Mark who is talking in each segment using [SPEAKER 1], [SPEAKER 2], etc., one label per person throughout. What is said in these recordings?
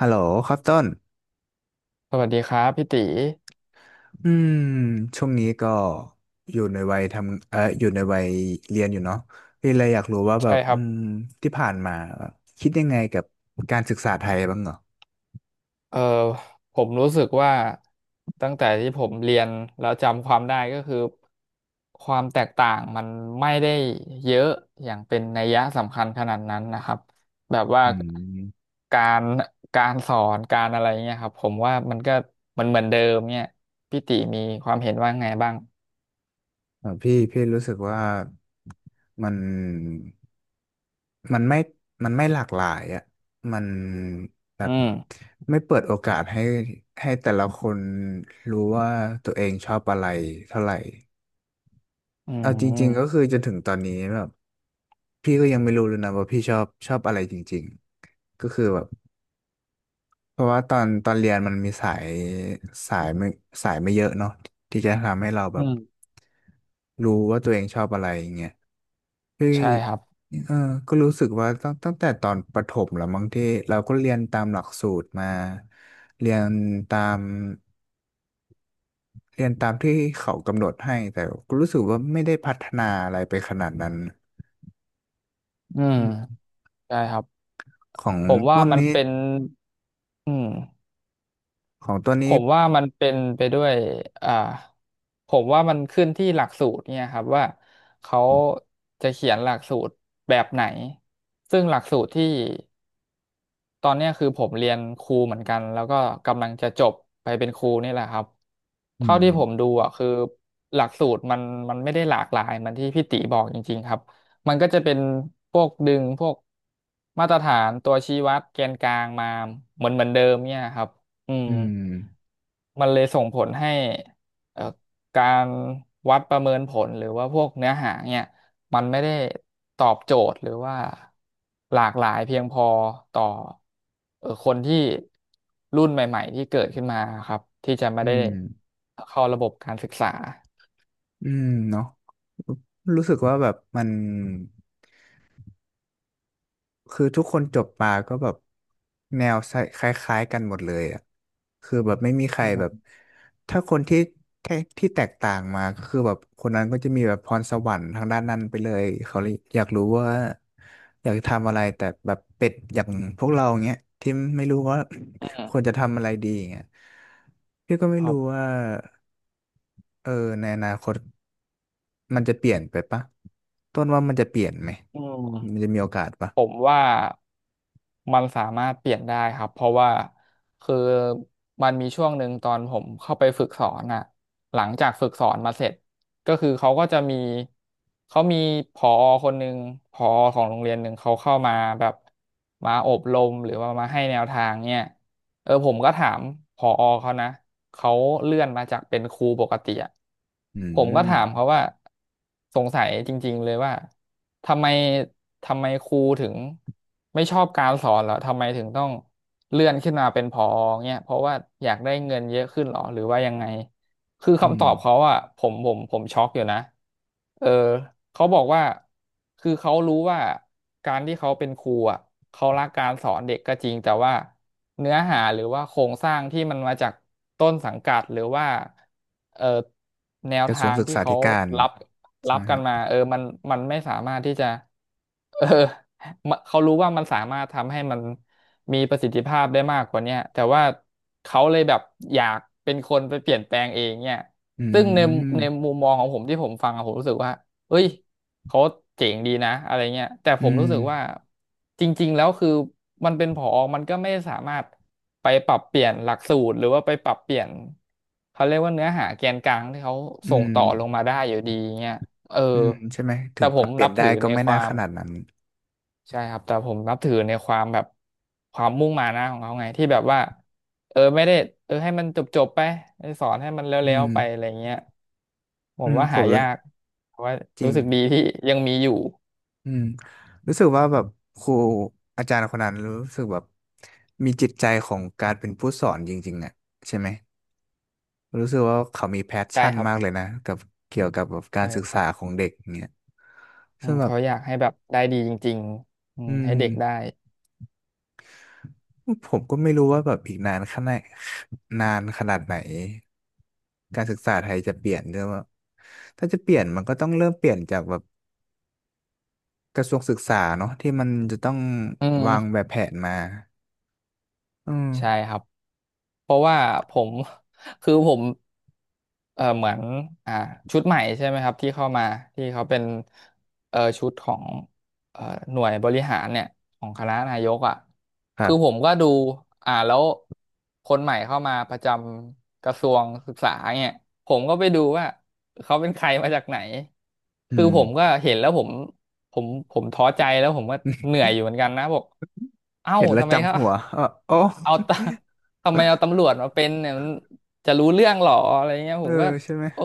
[SPEAKER 1] ฮัลโหลครับต้น
[SPEAKER 2] สวัสดีครับพี่ตี
[SPEAKER 1] อืมช่วงนี้ก็อยู่ในวัยทำอยู่ในวัยเรียนอยู่เนาะพี่เลยอยากรู้ว่าแบ
[SPEAKER 2] ใช่
[SPEAKER 1] บ
[SPEAKER 2] ค
[SPEAKER 1] อื
[SPEAKER 2] รับ
[SPEAKER 1] มที่ผ่านมาแบบคิดยังไงกับการศึกษาไทยบ้างเหรอ
[SPEAKER 2] เอ่อผมรู้สึกว่าตั้งแต่ที่ผมเรียนแล้วจำความได้ก็คือความแตกต่างมันไม่ได้เยอะอย่างเป็นนัยยะสำคัญขนาดนั้นนะครับแบบว่า
[SPEAKER 1] อืม
[SPEAKER 2] การการสอนการอะไรเงี้ยครับผมว่ามันก็เหมือนเดิมเนี่ยพี่ตีมีความเห็นว่าไงบ้าง
[SPEAKER 1] พี่รู้สึกว่ามันมันไม่มันไม่หลากหลายอ่ะมันแบ
[SPEAKER 2] อื
[SPEAKER 1] บ
[SPEAKER 2] ม
[SPEAKER 1] ไม่เปิดโอกาสให้ให้แต่ละคนรู้ว่าตัวเองชอบอะไรเท่าไหร่
[SPEAKER 2] อื
[SPEAKER 1] เอาจริงๆก็
[SPEAKER 2] ม
[SPEAKER 1] คือจนถึงตอนนี้แบบพี่ก็ยังไม่รู้เลยนะว่าพี่ชอบอะไรจริงๆก็คือแบบเพราะว่าตอนเรียนมันมีสายสายไม่สายไม่เยอะเนาะที่จะทำให้เราแบ
[SPEAKER 2] อื
[SPEAKER 1] บ
[SPEAKER 2] ม
[SPEAKER 1] รู้ว่าตัวเองชอบอะไรอย่างเงี้ยคือ
[SPEAKER 2] ใช่ครับ
[SPEAKER 1] เออก็รู้สึกว่าตั้งแต่ตอนประถมแล้วมั้งที่เราก็เรียนตามหลักสูตรมาเรียนตามเรียนตามที่เขากำหนดให้แต่ก็รู้สึกว่าไม่ได้พัฒนาอะไรไปขนาดนั้น
[SPEAKER 2] อืมใช่ครับ
[SPEAKER 1] ของ
[SPEAKER 2] ผมว่า
[SPEAKER 1] ต้น
[SPEAKER 2] มัน
[SPEAKER 1] นี้
[SPEAKER 2] เป็นอืม
[SPEAKER 1] ของต้น
[SPEAKER 2] ผ
[SPEAKER 1] นี้
[SPEAKER 2] มว่ามันเป็นไปด้วยอ่าผมว่ามันขึ้นที่หลักสูตรเนี่ยครับว่าเขาจะเขียนหลักสูตรแบบไหนซึ่งหลักสูตรที่ ตอนเนี้ยคือผมเรียนครูเหมือนกันแล้วก็กำลังจะจบไปเป็นครูนี่แหละครับ
[SPEAKER 1] อื
[SPEAKER 2] เท่าที่
[SPEAKER 1] ม
[SPEAKER 2] ผมดูอ่ะคือหลักสูตรมันไม่ได้หลากหลายเหมันที่พี่ติบอกจริงๆครับมันก็จะเป็นพวกดึงพวกมาตรฐานตัวชี้วัดแกนกลางมาเหมือนเดิมเนี่ยครับอืม
[SPEAKER 1] อืม
[SPEAKER 2] มันเลยส่งผลให้เอ่อการวัดประเมินผลหรือว่าพวกเนื้อหาเนี่ย มันไม่ได้ตอบโจทย์หรือว่าหลากหลายเพียงพอต่อคนที่รุ่นใหม่ๆที่เกิดขึ้นมาครับที่จะไม่
[SPEAKER 1] อื
[SPEAKER 2] ได้
[SPEAKER 1] ม
[SPEAKER 2] เข้าระบบการศึกษา
[SPEAKER 1] อืมเนาะรู้สึกว่าแบบมัน คือทุกคนจบมาก็แบบแนวคล้ายๆกันหมดเลยอ่ะคือแบบไม่มีใคร
[SPEAKER 2] อื
[SPEAKER 1] แบบ
[SPEAKER 2] ม
[SPEAKER 1] ถ้าคนที่แค่ที่แตกต่างมาก็คือแบบคนนั้นก็จะมีแบบพรสวรรค์ทางด้านนั้นไปเลยเขาเลยอยากรู้ว่าอยากทำอะไรแต่แบบเป็ดอย่างพวกเราเงี้ยที่ไม่รู้ว่า
[SPEAKER 2] อื
[SPEAKER 1] ค
[SPEAKER 2] ม
[SPEAKER 1] วรจะทำอะไรดีเงี้ยพี่ก็ไม่
[SPEAKER 2] ครั
[SPEAKER 1] รู้
[SPEAKER 2] บ
[SPEAKER 1] ว่าเออในอนาคตมันจะเปลี่ยนไปปะต้นว่ามันจะเปลี่ยนไหม
[SPEAKER 2] อืม
[SPEAKER 1] มันจะมีโอกาสปะ
[SPEAKER 2] ผมว่ามันสามารถเปลี่ยนได้ครับเพราะว่าคือมันมีช่วงหนึ่งตอนผมเข้าไปฝึกสอนอ่ะหลังจากฝึกสอนมาเสร็จก็คือเขาก็จะมีเขามีผอคนหนึ่งผอของโรงเรียนหนึ่งเขาเข้ามาแบบมาอบรมหรือว่ามาให้แนวทางเนี่ยผมก็ถามผอเขานะเขาเลื่อนมาจากเป็นครูปกติอะ
[SPEAKER 1] อื
[SPEAKER 2] ผมก็
[SPEAKER 1] ม
[SPEAKER 2] ถามเขาว่าสงสัยจริงๆเลยว่า ทำไมทำไมครูถึงไม่ชอบการสอนเหรอทำไมถึงต้องเลื่อนขึ้นมาเป็นผอเงี้ยเพราะว่าอยากได้เงินเยอะขึ้นเหรอหรือว่ายังไง คือ
[SPEAKER 1] อื
[SPEAKER 2] คำต
[SPEAKER 1] ม
[SPEAKER 2] อบเขาอ่ะผมช็อกอยู่นะเออเขาบอกว่าคือเขารู้ว่าการที่เขาเป็นครูอ่ะเขารักการสอนเด็กก็จริงแต่ว่าเนื้อหาหรือว่าโครงสร้างที่มันมาจากต้นสังกัดหรือว่าเออแนว
[SPEAKER 1] กระทร
[SPEAKER 2] ทา
[SPEAKER 1] วง
[SPEAKER 2] ง
[SPEAKER 1] ศึก
[SPEAKER 2] ที่
[SPEAKER 1] ษา
[SPEAKER 2] เขา
[SPEAKER 1] ธิการ
[SPEAKER 2] รับ
[SPEAKER 1] ใช่
[SPEAKER 2] รั
[SPEAKER 1] ไห
[SPEAKER 2] บ
[SPEAKER 1] มค
[SPEAKER 2] กัน
[SPEAKER 1] รับ
[SPEAKER 2] มามันไม่สามารถที่จะเออ มะเขารู้ว่ามันสามารถทำให้มัน มีประสิทธิภาพได้มากกว่าเนี้ยแต่ว่าเขาเลยแบบอยากเป็นคนไปเปลี่ยนแปลงเองเนี่ย
[SPEAKER 1] อื
[SPEAKER 2] ซึ่งใน
[SPEAKER 1] ม
[SPEAKER 2] มุมมองของผมที่ผมฟังอะผมรู้สึกว่าเอ้ยเขาเจ๋งดีนะอะไรเงี้ยแต่ผ
[SPEAKER 1] อื
[SPEAKER 2] มรู้
[SPEAKER 1] ม
[SPEAKER 2] สึกว่าจริงๆแล้วคือมันเป็นผอมันก็ไม่สามารถไปปรับเปลี่ยนหลักสูตรหรือว่าไปปรับเปลี่ยนเขาเรียกว่าเนื้อหาแกนกลางที่เขา
[SPEAKER 1] อื
[SPEAKER 2] ส่ง
[SPEAKER 1] ม
[SPEAKER 2] ต่อลงมาได้อยู่ดีเงี้ยเออ
[SPEAKER 1] อืมใช่ไหมถึ
[SPEAKER 2] แต่
[SPEAKER 1] งป
[SPEAKER 2] ผ
[SPEAKER 1] รั
[SPEAKER 2] ม
[SPEAKER 1] บเปลี่
[SPEAKER 2] นั
[SPEAKER 1] ยน
[SPEAKER 2] บ
[SPEAKER 1] ได้
[SPEAKER 2] ถือ
[SPEAKER 1] ก็
[SPEAKER 2] ใน
[SPEAKER 1] ไม่
[SPEAKER 2] ค
[SPEAKER 1] น่า
[SPEAKER 2] วา
[SPEAKER 1] ข
[SPEAKER 2] ม
[SPEAKER 1] นาดนั้น
[SPEAKER 2] ใช่ครับแต่ผมนับถือในความแบบความมุ่งมานะของเขาไงที่แบบว่าไม่ได้ให้มันจบจบไปสอนให้มัน
[SPEAKER 1] อื
[SPEAKER 2] แล้วๆไปอะ
[SPEAKER 1] ม
[SPEAKER 2] ไรเงี้ยผ
[SPEAKER 1] อื
[SPEAKER 2] ม
[SPEAKER 1] ม
[SPEAKER 2] ว่า
[SPEAKER 1] ผ
[SPEAKER 2] หา
[SPEAKER 1] มรู้
[SPEAKER 2] ยากแต่ว่า
[SPEAKER 1] จริ
[SPEAKER 2] รู้
[SPEAKER 1] ง
[SPEAKER 2] สึกดีที่ยังมีอยู่
[SPEAKER 1] อืมรู้สึกว่าแบบครูอาจารย์คนนั้นรู้สึกแบบมีจิตใจของการเป็นผู้สอนจริงๆอ่ะใช่ไหมรู้สึกว่าเขามีแพช
[SPEAKER 2] ใช่
[SPEAKER 1] ชั่น
[SPEAKER 2] ครับ
[SPEAKER 1] มากเลยนะกับเกี่ยวกับแบบการศึกษา
[SPEAKER 2] ใช่
[SPEAKER 1] ของเด็กเนี่ย
[SPEAKER 2] อื
[SPEAKER 1] ซึ่ง
[SPEAKER 2] ม
[SPEAKER 1] แบบ
[SPEAKER 2] เขาอยากให้แบบได้ดีจริงๆอื
[SPEAKER 1] อื
[SPEAKER 2] มให้
[SPEAKER 1] ม
[SPEAKER 2] เด็กได้
[SPEAKER 1] ผมก็ไม่รู้ว่าแบบอีกนานขนาดนานขนาดไหนการศึกษาไทยจะเปลี่ยนด้วยว่าถ้าจะเปลี่ยนมันก็ต้องเริ่มเปลี่ยนจากแบบกระทรวงศึกษาเนาะที่มันจะต้อง
[SPEAKER 2] อื
[SPEAKER 1] วาง
[SPEAKER 2] ม
[SPEAKER 1] แบบแผนมาอื
[SPEAKER 2] ใช่
[SPEAKER 1] ม
[SPEAKER 2] ครับ เพราะว่าผม คือผมเหมือนอ่าชุดใหม่ใช่ไหมครับที่เข้ามาที่เขาเป็นชุดของเออหน่วยบริหารเนี่ยของคณะนายกอ่ะ
[SPEAKER 1] ครั
[SPEAKER 2] คือผ
[SPEAKER 1] บ
[SPEAKER 2] มก็ดูแล้วคนใหม่เข้ามาประจำกระทรวงศึกษาเนี่ยผมก็ไปดูว่าเขาเป็นใครมาจากไหน
[SPEAKER 1] อื
[SPEAKER 2] คือผมก็
[SPEAKER 1] ม
[SPEAKER 2] เห็นแล้วผมผมท้อใจแล้วผมก็เหนื่อยอยู่เหมือนกันนะบอกเอ้า
[SPEAKER 1] เห็นแล้ว
[SPEAKER 2] ทำไม
[SPEAKER 1] จับ
[SPEAKER 2] ครับ
[SPEAKER 1] หัวเออโอ้
[SPEAKER 2] เอาตา ทำไมเอาตำรวจมาเป็นเนี่ยมันจะรู้เรื่องหรออะไรเงี้ย
[SPEAKER 1] เอ
[SPEAKER 2] ผ
[SPEAKER 1] อ
[SPEAKER 2] มก็
[SPEAKER 1] ใช่ไหม
[SPEAKER 2] โอ้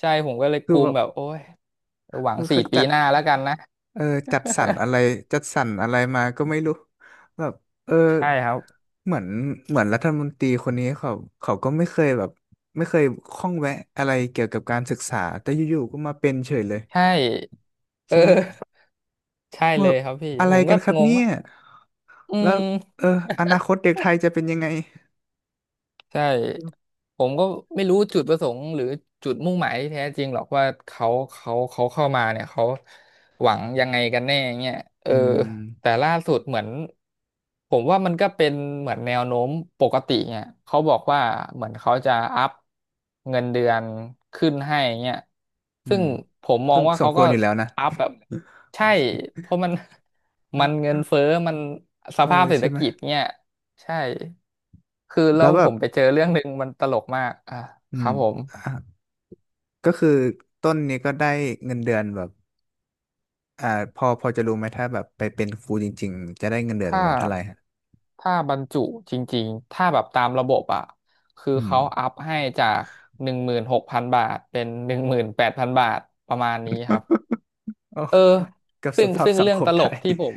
[SPEAKER 2] ใช่ผมก็เลยก
[SPEAKER 1] คือ
[SPEAKER 2] ลุ
[SPEAKER 1] แบ
[SPEAKER 2] ม
[SPEAKER 1] บ
[SPEAKER 2] แบบโอ้ยหวัง
[SPEAKER 1] คือ
[SPEAKER 2] สี่
[SPEAKER 1] เขา
[SPEAKER 2] ปี
[SPEAKER 1] จัด
[SPEAKER 2] หน้าแล้วกันนะ
[SPEAKER 1] เออจัดสรรอะไร จัดสรรอะไรมาก็ไม่รู้แบบเออ
[SPEAKER 2] ใช่ครับ
[SPEAKER 1] เหมือนเหมือนรัฐมนตรีคนนี้เขาเขาก็ไม่เคยแบบไม่เคยข้องแวะอะไรเกี่ยวกับการศึกษาแต่อยู่ๆก็มาเป็นเฉยเลย
[SPEAKER 2] ใช่เอ
[SPEAKER 1] ใช่ไหม
[SPEAKER 2] อใช่เล
[SPEAKER 1] ว่า
[SPEAKER 2] ยครับพี่
[SPEAKER 1] อะไร
[SPEAKER 2] ผม
[SPEAKER 1] กั
[SPEAKER 2] ก็
[SPEAKER 1] นครับ
[SPEAKER 2] งง
[SPEAKER 1] เนี่ย
[SPEAKER 2] ว่าอื
[SPEAKER 1] แล้ว
[SPEAKER 2] ม
[SPEAKER 1] เอออนาคตเด็กไทยจะเป็นยังไง
[SPEAKER 2] ใช่ผมก็ไม่รู้จุดประสงค์หรือจุดมุ่งหมายที่แท้จริงหรอกว่าเขาเข้ามาเนี่ยเขาหวังยังไงกันแน่เงี้ยเออ
[SPEAKER 1] อื
[SPEAKER 2] แต่
[SPEAKER 1] ม
[SPEAKER 2] ล่าสุดเหมือนผมว่ามันก็เป็นเหมือนแนวโน้มปกติเนี่ยเขาบอกว่าเหมือนเขาจะอัพเงินเดือนขึ้นให้เงี้ย
[SPEAKER 1] อื
[SPEAKER 2] ซึ่ง
[SPEAKER 1] ม
[SPEAKER 2] ผมมอ
[SPEAKER 1] ซึ่
[SPEAKER 2] ง
[SPEAKER 1] ง
[SPEAKER 2] ว่า
[SPEAKER 1] สม
[SPEAKER 2] เขา
[SPEAKER 1] ค
[SPEAKER 2] ก็
[SPEAKER 1] วรอยู่แล้วนะ
[SPEAKER 2] อัพแบบใช่เพราะมันเงินเฟ้อมันส
[SPEAKER 1] เออ
[SPEAKER 2] ภาพเศรษ
[SPEAKER 1] ใช่
[SPEAKER 2] ฐ
[SPEAKER 1] ไหม
[SPEAKER 2] กิจเนี่ย ใช่ คือแล้
[SPEAKER 1] แล้
[SPEAKER 2] ว
[SPEAKER 1] วแบ
[SPEAKER 2] ผ
[SPEAKER 1] บ
[SPEAKER 2] มไปเจอเรื่องหนึ่งมันตลกมากอ่ะ
[SPEAKER 1] อื
[SPEAKER 2] ครั
[SPEAKER 1] ม
[SPEAKER 2] บผม
[SPEAKER 1] อ่ะก็คือต้นนี้ก็ได้เงินเดือนแบบ อ่าพอพอจะรู้ไหมถ้าแบบไปเป็นครูจริงๆจะได้เงินเดือนป
[SPEAKER 2] ถ้า
[SPEAKER 1] ระมาณเท่าไหร่ฮะ
[SPEAKER 2] ถ้าบรรจุจริงๆ ถ้าแบบตามระบบอ่ะ คือ
[SPEAKER 1] อืม
[SPEAKER 2] เขาอัพให้จาก16,000 บาทเป็น18,000 บาทประมาณนี้ครับ
[SPEAKER 1] โอ้
[SPEAKER 2] เออ
[SPEAKER 1] กับส
[SPEAKER 2] ซึ่ง
[SPEAKER 1] ภาพ
[SPEAKER 2] ซึ่ง
[SPEAKER 1] สัง
[SPEAKER 2] เรื่
[SPEAKER 1] ค
[SPEAKER 2] อง
[SPEAKER 1] ม
[SPEAKER 2] ตล
[SPEAKER 1] ไท
[SPEAKER 2] ก
[SPEAKER 1] ย
[SPEAKER 2] ที่ผม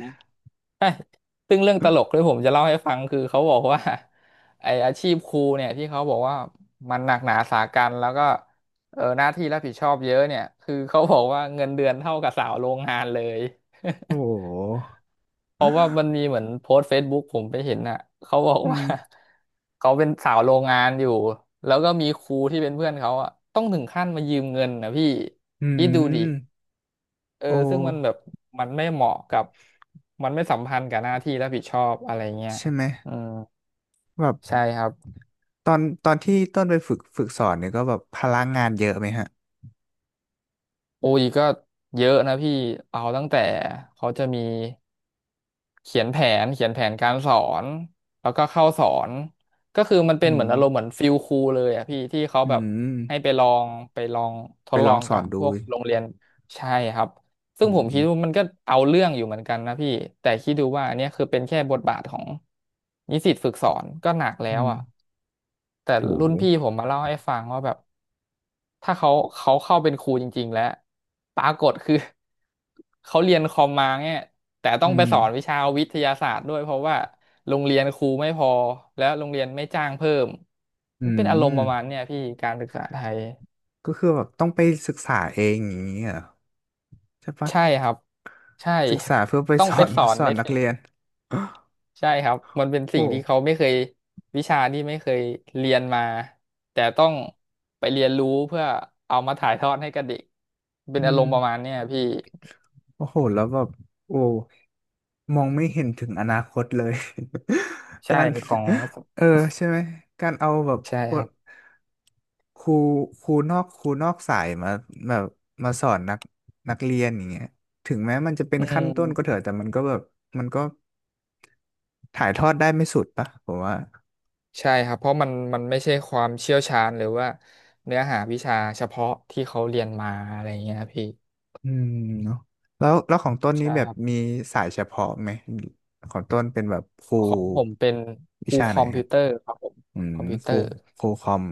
[SPEAKER 2] เช้ยซึ่งเรื่องตลกที่ผมจะเล่าให้ฟังคือเขาบอกว่าไออาชีพครูเนี่ยที่เขาบอกว่ามันหนักหนาสาหัสแล้วก็หน้าที่รับผิดชอบเยอะเนี่ยคือเขาบอกว่าเงินเดือนเท่ากับสาวโรงงานเลย
[SPEAKER 1] โอ้โห
[SPEAKER 2] เพราะว่ามันมีเหมือนโพสต์เฟซบุ๊กผมไปเห็นน่ะเขาบอก
[SPEAKER 1] อื
[SPEAKER 2] ว่า
[SPEAKER 1] ม
[SPEAKER 2] เขาเป็นสาวโรงงานอยู่แล้วก็มีครูที่เป็นเพื่อนเขาอะต้องถึงขั้นมายืมเงินนะพี่
[SPEAKER 1] อื
[SPEAKER 2] คิดดูดิ
[SPEAKER 1] มโอ้
[SPEAKER 2] ซึ่งมันแบบ มันไม่เหมาะกับ มันไม่สัมพันธ์กับหน้าที่รับผิดชอบอะไรเงี้ย
[SPEAKER 1] ใช่ไหม
[SPEAKER 2] อืม
[SPEAKER 1] แบบ
[SPEAKER 2] ใช่ครับ
[SPEAKER 1] ตอนที่ต้นไปฝึกสอนเนี่ยก็แบบพลังงานเยอะไหมฮะ
[SPEAKER 2] โอ้ยก็เยอะนะพี่เอาตั้งแต่เขาจะมีเขียนแผนเขียนแผนการสอนแล้วก็เข้าสอนก็คือมันเป็น
[SPEAKER 1] อื
[SPEAKER 2] เหมื
[SPEAKER 1] ม
[SPEAKER 2] อนอารมณ์เหมือนฟิลครูเลยอะพี่ที่เขา
[SPEAKER 1] อื
[SPEAKER 2] แบบ
[SPEAKER 1] ม
[SPEAKER 2] ให้ไปลองท
[SPEAKER 1] ไป
[SPEAKER 2] ด
[SPEAKER 1] ล
[SPEAKER 2] ลอ
[SPEAKER 1] อง
[SPEAKER 2] ง
[SPEAKER 1] ส
[SPEAKER 2] กั
[SPEAKER 1] อ
[SPEAKER 2] บ
[SPEAKER 1] น
[SPEAKER 2] พ
[SPEAKER 1] ดู
[SPEAKER 2] วกโรงเรียนใช่ครับ
[SPEAKER 1] อื
[SPEAKER 2] ซึ่งผมคิด
[SPEAKER 1] ม
[SPEAKER 2] ว่ามันก็เอาเรื่องอยู่เหมือนกันนะพี่แต่คิดดูว่าอันเนี้ยคือเป็นแค่บทบาทของนิสิตฝึกสอนก็หนักแล้
[SPEAKER 1] อื
[SPEAKER 2] ว
[SPEAKER 1] ม
[SPEAKER 2] อะ แต่
[SPEAKER 1] โอ้
[SPEAKER 2] รุ่
[SPEAKER 1] โห
[SPEAKER 2] นพี่ผมมาเล่าให้ฟังว่าแบบถ้าเขาเข้าเป็นครูจริงๆแล้วปรากฏคือ เขาเรียนคอมมาเนี่ยแต่ต้
[SPEAKER 1] อื
[SPEAKER 2] องไปสอนวิ
[SPEAKER 1] ม
[SPEAKER 2] ชาวิทยาศาสตร์ด้วยเพราะว่าโรงเรียนครูไม่พอแล้วโรงเรียนไม่จ้างเพิ่ม
[SPEAKER 1] อื
[SPEAKER 2] มันเป็นอารมณ์ประมาณ
[SPEAKER 1] ม
[SPEAKER 2] เนี่ยพี่การศึกษาไทย
[SPEAKER 1] ก็คือแบบต้องไปศึกษาเองอย่างนี้เหรอใช่ปะ
[SPEAKER 2] ใช่ครับใช่
[SPEAKER 1] ศึกษาเพื่อไป
[SPEAKER 2] ต้อง
[SPEAKER 1] ส
[SPEAKER 2] ไป
[SPEAKER 1] อน
[SPEAKER 2] สอ น
[SPEAKER 1] สอ
[SPEAKER 2] ใน
[SPEAKER 1] นนัก
[SPEAKER 2] สิ่ง
[SPEAKER 1] เรียน
[SPEAKER 2] ใช่ครับมันเป็น
[SPEAKER 1] โอ้
[SPEAKER 2] สิ่งที่เขาไม่เคยวิชาที่ไม่เคยเรียนมาแต่ต้องไปเรียนรู้เพื่อเอามาถ่ายทอดให้กับเด็กเป็
[SPEAKER 1] อื
[SPEAKER 2] นอาร
[SPEAKER 1] ม
[SPEAKER 2] มณ์ประมาณเนี้ยพี่
[SPEAKER 1] โอ้โหแล้วแบบโอ้มองไม่เห็นถึงอนาคตเลย กา
[SPEAKER 2] ใช่
[SPEAKER 1] ร
[SPEAKER 2] ของ
[SPEAKER 1] เออใช่ไหมการเอาแบบ
[SPEAKER 2] ใช่
[SPEAKER 1] ค
[SPEAKER 2] ค
[SPEAKER 1] น
[SPEAKER 2] รับ
[SPEAKER 1] ครูครูนอกสายมาแบบมาสอนนักนักเรียนอย่างเงี้ยถึงแม้มันจะเป็น
[SPEAKER 2] อื
[SPEAKER 1] ขั้นต้นก็เถ
[SPEAKER 2] ม
[SPEAKER 1] อะแต่มันก็แบบมันก็ถ่ายทอดได้ไม่สุดปะผมว่า
[SPEAKER 2] ใช่ครับเพราะมันไม่ใช่ความเชี่ยวชาญหรือว่าเนื้อหาวิชาเฉพาะที่เขาเรียนมาอะไรเงี้ยครับพี่
[SPEAKER 1] อืมเนาะแล้วของต้นนี้
[SPEAKER 2] ใช่
[SPEAKER 1] แบ
[SPEAKER 2] ค
[SPEAKER 1] บ
[SPEAKER 2] รับ
[SPEAKER 1] มีสายเฉพาะไหมของต้นเป็นแบบครู
[SPEAKER 2] ของผมเป็นค
[SPEAKER 1] วิ
[SPEAKER 2] รู
[SPEAKER 1] ชา
[SPEAKER 2] ค
[SPEAKER 1] ไหน
[SPEAKER 2] อม
[SPEAKER 1] ครั
[SPEAKER 2] พิ
[SPEAKER 1] บ
[SPEAKER 2] วเตอร์ครับผม
[SPEAKER 1] อืม
[SPEAKER 2] คอมพิวเต
[SPEAKER 1] ค
[SPEAKER 2] อ
[SPEAKER 1] รู
[SPEAKER 2] ร์
[SPEAKER 1] ครูคอม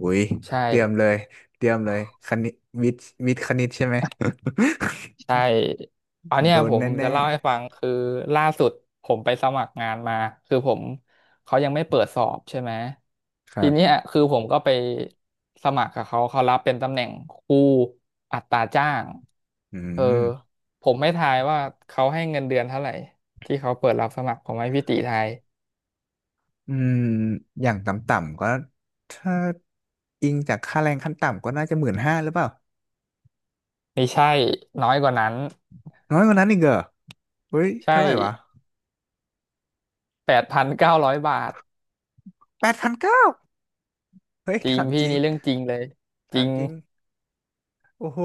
[SPEAKER 1] อุ้ย
[SPEAKER 2] ใช่
[SPEAKER 1] เตรียมเลยเตรียมเลยคณิตวิทย์คณิตใช่ไหม
[SPEAKER 2] ใช่อัน เนี้
[SPEAKER 1] โด
[SPEAKER 2] ย
[SPEAKER 1] น
[SPEAKER 2] ผ
[SPEAKER 1] แ
[SPEAKER 2] ม
[SPEAKER 1] น่
[SPEAKER 2] จะเล่าให้ฟังคือล่าสุดผมไปสมัครงานมาคือผมเขายังไม่เปิดสอบใช่ไหม
[SPEAKER 1] ๆครั
[SPEAKER 2] ทีเนี้
[SPEAKER 1] บ
[SPEAKER 2] ยคือผมก็ไปสมัครกับเขาเขารับเป็นตำแหน่งครูอัตราจ้าง
[SPEAKER 1] อื
[SPEAKER 2] เออ
[SPEAKER 1] ม
[SPEAKER 2] ผมไม่ทายว่าเขาให้เงินเดือนเท่าไหร่ที่เขาเปิดรับสมัครผมให้พี่ติทาย
[SPEAKER 1] อืมอย่างต่ำๆก็ถ้าอิงจากค่าแรงขั้นต่ำก็น่าจะ15,000หรือเปล่า
[SPEAKER 2] ไม่ใช่น้อยกว่านั้น
[SPEAKER 1] น้อยกว่านั้นอีกเหรอเฮ้ยเท่า
[SPEAKER 2] ใช่
[SPEAKER 1] ไหร่วะ
[SPEAKER 2] 8,900 บาท
[SPEAKER 1] แปดพันเก้าเฮ้ย
[SPEAKER 2] จริง
[SPEAKER 1] ถามจ
[SPEAKER 2] พี่
[SPEAKER 1] ริง
[SPEAKER 2] นี่เรื่องจริงเลยจ
[SPEAKER 1] ถา
[SPEAKER 2] ริ
[SPEAKER 1] ม
[SPEAKER 2] ง
[SPEAKER 1] จริงโอ้โห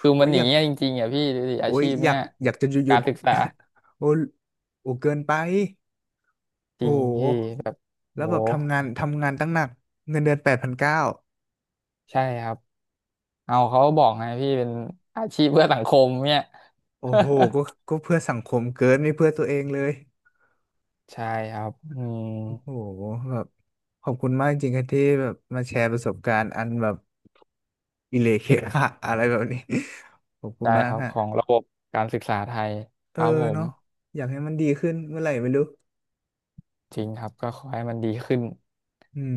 [SPEAKER 2] คือมั
[SPEAKER 1] โอุ้
[SPEAKER 2] น
[SPEAKER 1] ย
[SPEAKER 2] อ
[SPEAKER 1] อ
[SPEAKER 2] ย่า
[SPEAKER 1] ยา
[SPEAKER 2] ง
[SPEAKER 1] ก
[SPEAKER 2] เงี้ยจริงๆอ่ะพี่ดูดิอา
[SPEAKER 1] โอ้ย
[SPEAKER 2] ชีพ
[SPEAKER 1] อยา
[SPEAKER 2] เนี้
[SPEAKER 1] ก
[SPEAKER 2] ย
[SPEAKER 1] อยากจะหยุดหยุ
[SPEAKER 2] กา
[SPEAKER 1] ด
[SPEAKER 2] รศึกษา
[SPEAKER 1] โอ้ยโอ้เกินไป
[SPEAKER 2] จ
[SPEAKER 1] โ
[SPEAKER 2] ริงพี่
[SPEAKER 1] ห
[SPEAKER 2] แบบ
[SPEAKER 1] แล้ว
[SPEAKER 2] โห
[SPEAKER 1] แบบทำงานทำงานตั้งหนักเงินเดือนแปดพันเก้า
[SPEAKER 2] ใช่ครับ เอาเขาบอกไงพี่เป็นอาชีพเพื่อสังคมเนี่ย
[SPEAKER 1] โอ้โหก็ก็เพื่อสังคมเกินไม่เพื่อตัวเองเลย
[SPEAKER 2] ใช่ครับอืม
[SPEAKER 1] โอ้โหแบบขอบคุณมากจริงๆครับที่แบบมาแชร์ประสบการณ์อันแบบอิเลเคคะอะไรแบบนี้ ขอบคุณ
[SPEAKER 2] ใช่
[SPEAKER 1] มา
[SPEAKER 2] ค
[SPEAKER 1] ก
[SPEAKER 2] รับของ
[SPEAKER 1] ฮะ
[SPEAKER 2] ระบบการศึกษาไทย
[SPEAKER 1] เอ
[SPEAKER 2] ค
[SPEAKER 1] อ
[SPEAKER 2] รับผม
[SPEAKER 1] เนาะอยากให้มันดีขึ้นเมื่อไหร่ไม่รู้
[SPEAKER 2] จริงครับก็ขอให้มันดีขึ้น
[SPEAKER 1] อืม